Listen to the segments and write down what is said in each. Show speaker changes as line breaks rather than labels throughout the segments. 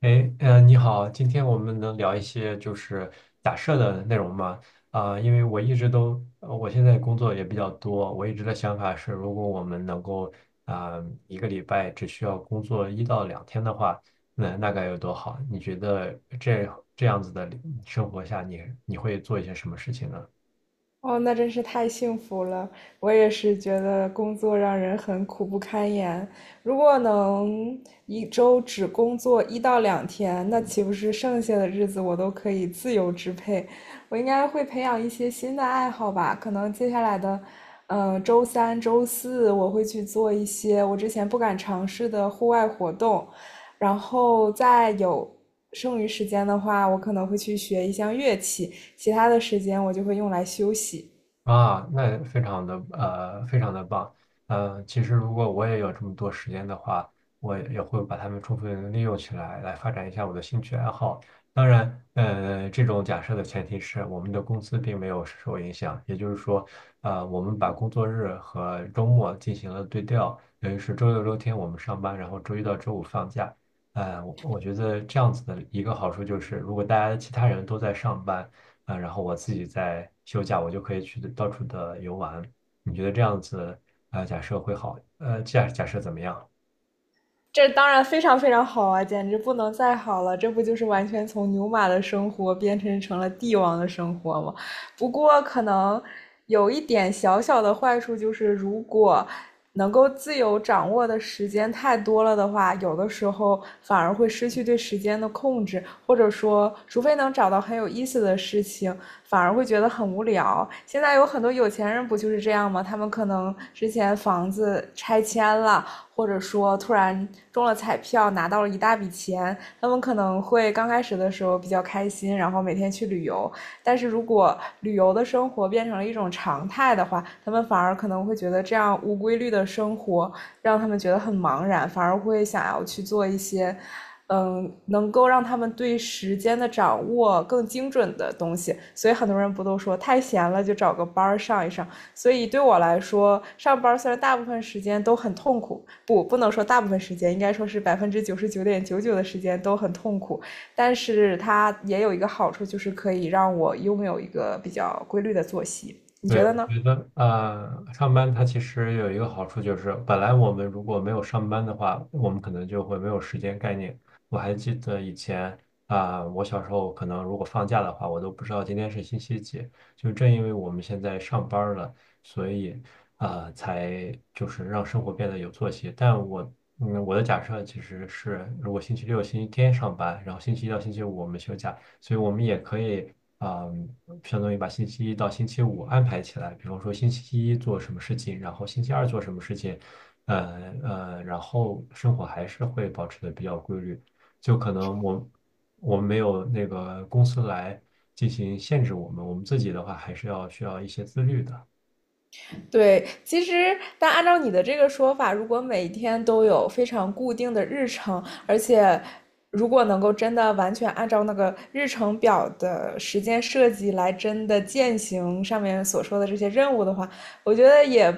哎，嗯，你好，今天我们能聊一些就是假设的内容吗？啊、因为我一直都，我现在工作也比较多，我一直的想法是，如果我们能够啊、一个礼拜只需要工作1到2天的话，那那该有多好？你觉得这样子的生活下你，你会做一些什么事情呢？
哦，那真是太幸福了！我也是觉得工作让人很苦不堪言。如果能一周只工作1到2天，那岂不是剩下的日子我都可以自由支配？我应该会培养一些新的爱好吧？可能接下来的，周三、周四我会去做一些我之前不敢尝试的户外活动，然后再有剩余时间的话，我可能会去学一项乐器。其他的时间我就会用来休息。
啊，那非常的棒。其实如果我也有这么多时间的话，我也会把它们充分利用起来，来发展一下我的兴趣爱好。当然，这种假设的前提是我们的工资并没有受影响，也就是说，我们把工作日和周末进行了对调，等于是周六周天我们上班，然后周一到周五放假。我觉得这样子的一个好处就是，如果大家其他人都在上班。啊、然后我自己在休假，我就可以去到处的游玩。你觉得这样子，假设会好，假设怎么样？
这当然非常非常好啊，简直不能再好了！这不就是完全从牛马的生活变成了帝王的生活吗？不过可能有一点小小的坏处就是，如果能够自由掌握的时间太多了的话，有的时候反而会失去对时间的控制，或者说，除非能找到很有意思的事情，反而会觉得很无聊。现在有很多有钱人不就是这样吗？他们可能之前房子拆迁了，或者说突然中了彩票拿到了一大笔钱，他们可能会刚开始的时候比较开心，然后每天去旅游。但是如果旅游的生活变成了一种常态的话，他们反而可能会觉得这样无规律的生活让他们觉得很茫然，反而会想要去做一些。能够让他们对时间的掌握更精准的东西，所以很多人不都说太闲了就找个班儿上一上。所以对我来说，上班虽然大部分时间都很痛苦，不能说大部分时间，应该说是99.99%的时间都很痛苦。但是它也有一个好处，就是可以让我拥有一个比较规律的作息。你觉
对，
得
我
呢？
觉得上班它其实有一个好处就是，本来我们如果没有上班的话，我们可能就会没有时间概念。我还记得以前啊、我小时候可能如果放假的话，我都不知道今天是星期几。就正因为我们现在上班儿了，所以啊，才就是让生活变得有作息。但我的假设其实是，如果星期六、星期天上班，然后星期一到星期五我们休假，所以我们也可以，嗯，相当于把星期一到星期五安排起来，比方说星期一做什么事情，然后星期二做什么事情，然后生活还是会保持的比较规律，就可能我们没有那个公司来进行限制我们，我们自己的话还是要需要一些自律的。
对，其实但按照你的这个说法，如果每天都有非常固定的日程，而且如果能够真的完全按照那个日程表的时间设计来真的践行上面所说的这些任务的话，我觉得也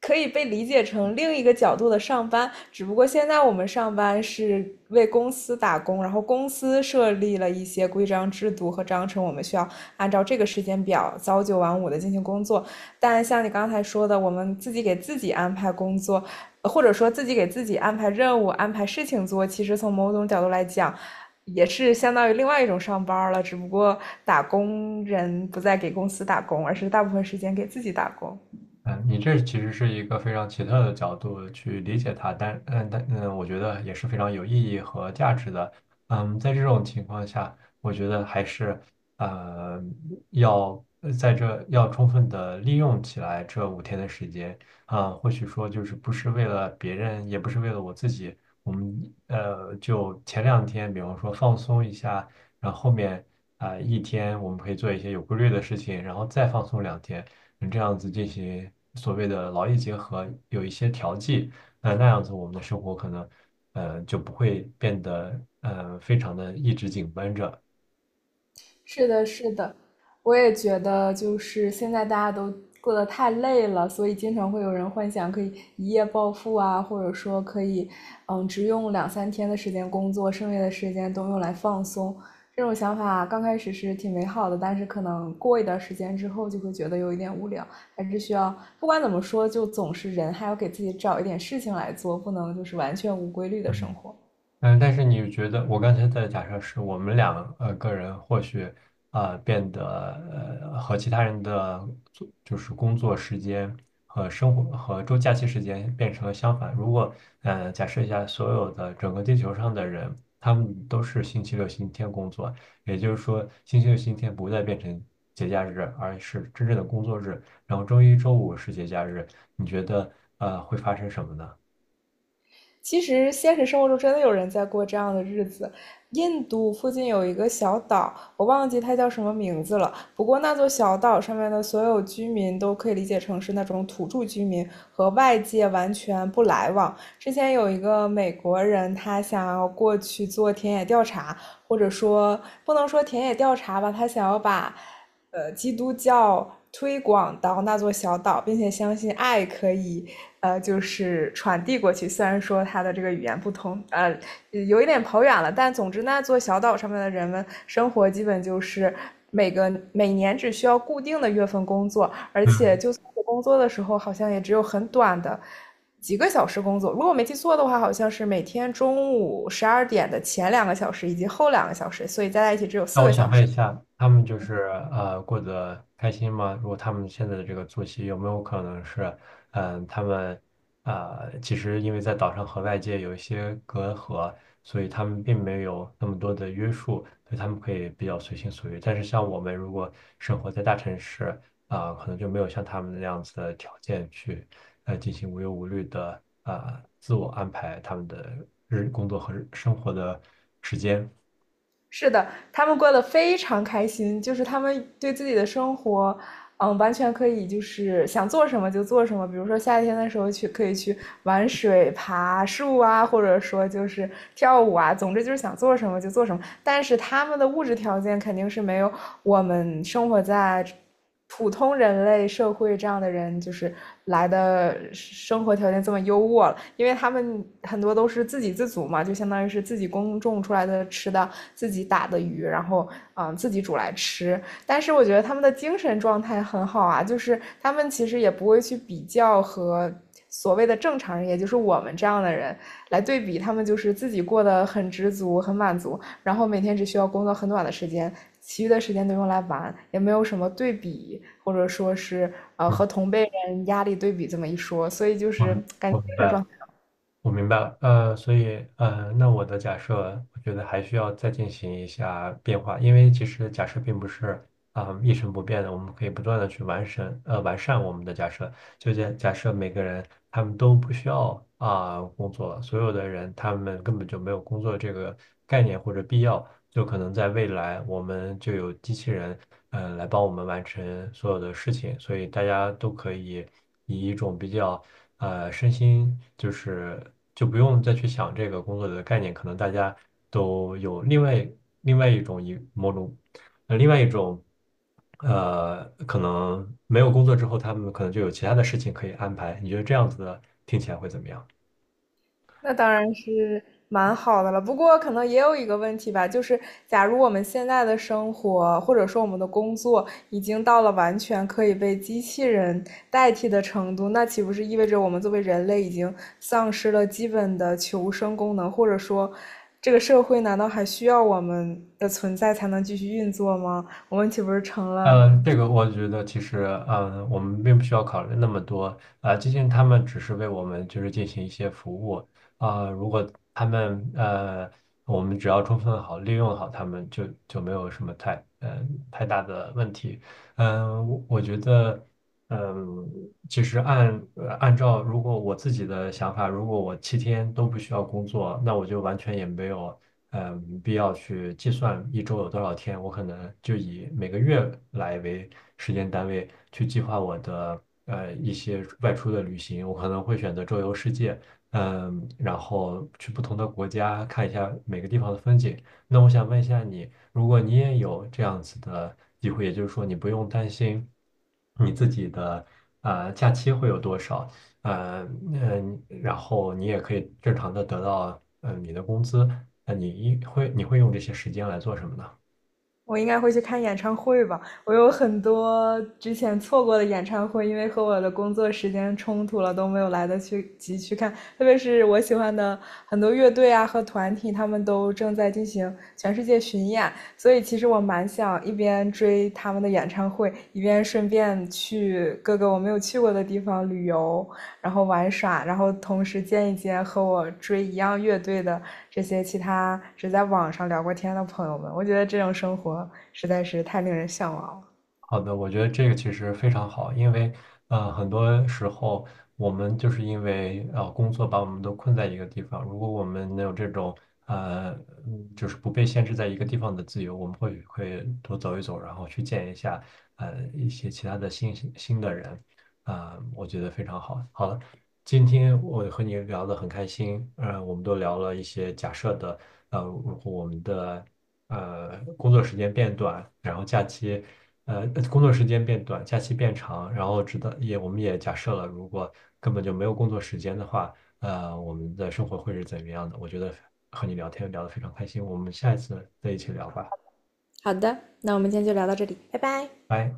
可以被理解成另一个角度的上班，只不过现在我们上班是为公司打工，然后公司设立了一些规章制度和章程，我们需要按照这个时间表早九晚五的进行工作。但像你刚才说的，我们自己给自己安排工作，或者说自己给自己安排任务、安排事情做，其实从某种角度来讲，也是相当于另外一种上班了，只不过打工人不再给公司打工，而是大部分时间给自己打工。
嗯，你这其实是一个非常奇特的角度去理解它，但我觉得也是非常有意义和价值的。嗯，在这种情况下，我觉得还是呃要在这要充分的利用起来这5天的时间啊，或许说就是不是为了别人，也不是为了我自己，我们就前两天，比方说放松一下，然后后面啊，一天我们可以做一些有规律的事情，然后再放松两天。这样子进行所谓的劳逸结合，有一些调剂，那样子我们的生活可能，就不会变得非常的一直紧绷着。
是的，是的，我也觉得，就是现在大家都过得太累了，所以经常会有人幻想可以一夜暴富啊，或者说可以，嗯，只用2、3天的时间工作，剩下的时间都用来放松。这种想法刚开始是挺美好的，但是可能过一段时间之后就会觉得有一点无聊，还是需要，不管怎么说，就总是人还要给自己找一点事情来做，不能就是完全无规律的生
嗯。
活。
嗯，但是你觉得我刚才的假设是我们两个人或许啊变得和其他人的做就是工作时间和生活和周假期时间变成了相反。如果假设一下，所有的整个地球上的人，他们都是星期六、星期天工作，也就是说星期六、星期天不再变成节假日，而是真正的工作日，然后周一、周五是节假日，你觉得会发生什么呢？
其实现实生活中真的有人在过这样的日子。印度附近有一个小岛，我忘记它叫什么名字了。不过那座小岛上面的所有居民都可以理解成是那种土著居民，和外界完全不来往。之前有一个美国人，他想要过去做田野调查，或者说不能说田野调查吧，他想要把基督教推广到那座小岛，并且相信爱可以就是传递过去。虽然说它的这个语言不通，有一点跑远了，但总之那座小岛上面的人们生活基本就是每年只需要固定的月份工作，而且
嗯。
就算是工作的时候，好像也只有很短的。几个小时工作，如果我没记错的话，好像是每天中午12点的前2个小时以及后2个小时，所以加在一起只有
那
四
我
个
想
小
问一
时。
下，他们就是过得开心吗？如果他们现在的这个作息有没有可能是，嗯、他们啊，其实因为在岛上和外界有一些隔阂，所以他们并没有那么多的约束，所以他们可以比较随心所欲。但是像我们如果生活在大城市，啊、可能就没有像他们那样子的条件去进行无忧无虑的啊自我安排他们的日工作和日生活的时间。
是的，他们过得非常开心，就是他们对自己的生活完全可以，就是想做什么就做什么。比如说夏天的时候去，可以去玩水、爬树啊，或者说就是跳舞啊。总之就是想做什么就做什么。但是他们的物质条件肯定是没有我们生活在普通人类社会这样的人，就是来的生活条件这么优渥了。因为他们很多都是自给自足嘛，就相当于是自己耕种出来的吃的，自己打的鱼，然后自己煮来吃。但是我觉得他们的精神状态很好啊，就是他们其实也不会去比较和所谓的正常人，也就是我们这样的人来对比，他们就是自己过得很知足、很满足，然后每天只需要工作很短的时间，其余的时间都用来玩，也没有什么对比，或者说是
嗯，
和同辈人压力对比这么一说，所以就
我
是感觉
我
精
明
神
白
状
了。
态。
我明白了，所以，那我的假设，我觉得还需要再进行一下变化，因为其实假设并不是啊、一成不变的，我们可以不断的去完善，完善我们的假设。就假设每个人他们都不需要啊、工作，所有的人他们根本就没有工作这个概念或者必要，就可能在未来我们就有机器人来帮我们完成所有的事情，所以大家都可以以一种比较身心就是就不用再去想这个工作的概念，可能大家都有另外另外一种一某种另外一种，可能没有工作之后，他们可能就有其他的事情可以安排。你觉得这样子的听起来会怎么样？
那当然是蛮好的了，不过可能也有一个问题吧，就是假如我们现在的生活或者说我们的工作已经到了完全可以被机器人代替的程度，那岂不是意味着我们作为人类已经丧失了基本的求生功能，或者说这个社会难道还需要我们的存在才能继续运作吗？我们岂不是成了
嗯，这个我觉得其实，嗯，我们并不需要考虑那么多，啊，毕竟他们只是为我们就是进行一些服务，啊，如果他们我们只要充分好利用好他们就没有什么太大的问题。嗯，我觉得。嗯，其实按照如果我自己的想法，如果我7天都不需要工作，那我就完全也没有必要去计算一周有多少天，我可能就以每个月来为时间单位去计划我的一些外出的旅行，我可能会选择周游世界，嗯，然后去不同的国家看一下每个地方的风景。那我想问一下你，如果你也有这样子的机会，也就是说你不用担心你自己的假期会有多少，那然后你也可以正常的得到你的工资，那你一会你会用这些时间来做什么呢？
我应该会去看演唱会吧。我有很多之前错过的演唱会，因为和我的工作时间冲突了，都没有来得去及去看。特别是我喜欢的很多乐队啊和团体，他们都正在进行全世界巡演，所以其实我蛮想一边追他们的演唱会，一边顺便去各个我没有去过的地方旅游，然后玩耍，然后同时见一见和我追一样乐队的这些其他只在网上聊过天的朋友们。我觉得这种生活实在是太令人向往了。
好的，我觉得这个其实非常好，因为很多时候我们就是因为工作把我们都困在一个地方。如果我们能有这种呃，就是不被限制在一个地方的自由，我们会多走一走，然后去见一下一些其他的新的人，啊、我觉得非常好。好了，今天我和你聊得很开心，我们都聊了一些假设的，呃，如果我们的。工作时间变短，然后假期工作时间变短，假期变长，然后直到也我们也假设了，如果根本就没有工作时间的话，我们的生活会是怎么样的？我觉得和你聊天聊得非常开心，我们下一次再一起聊吧，
好的，那我们今天就聊到这里，拜拜。
拜。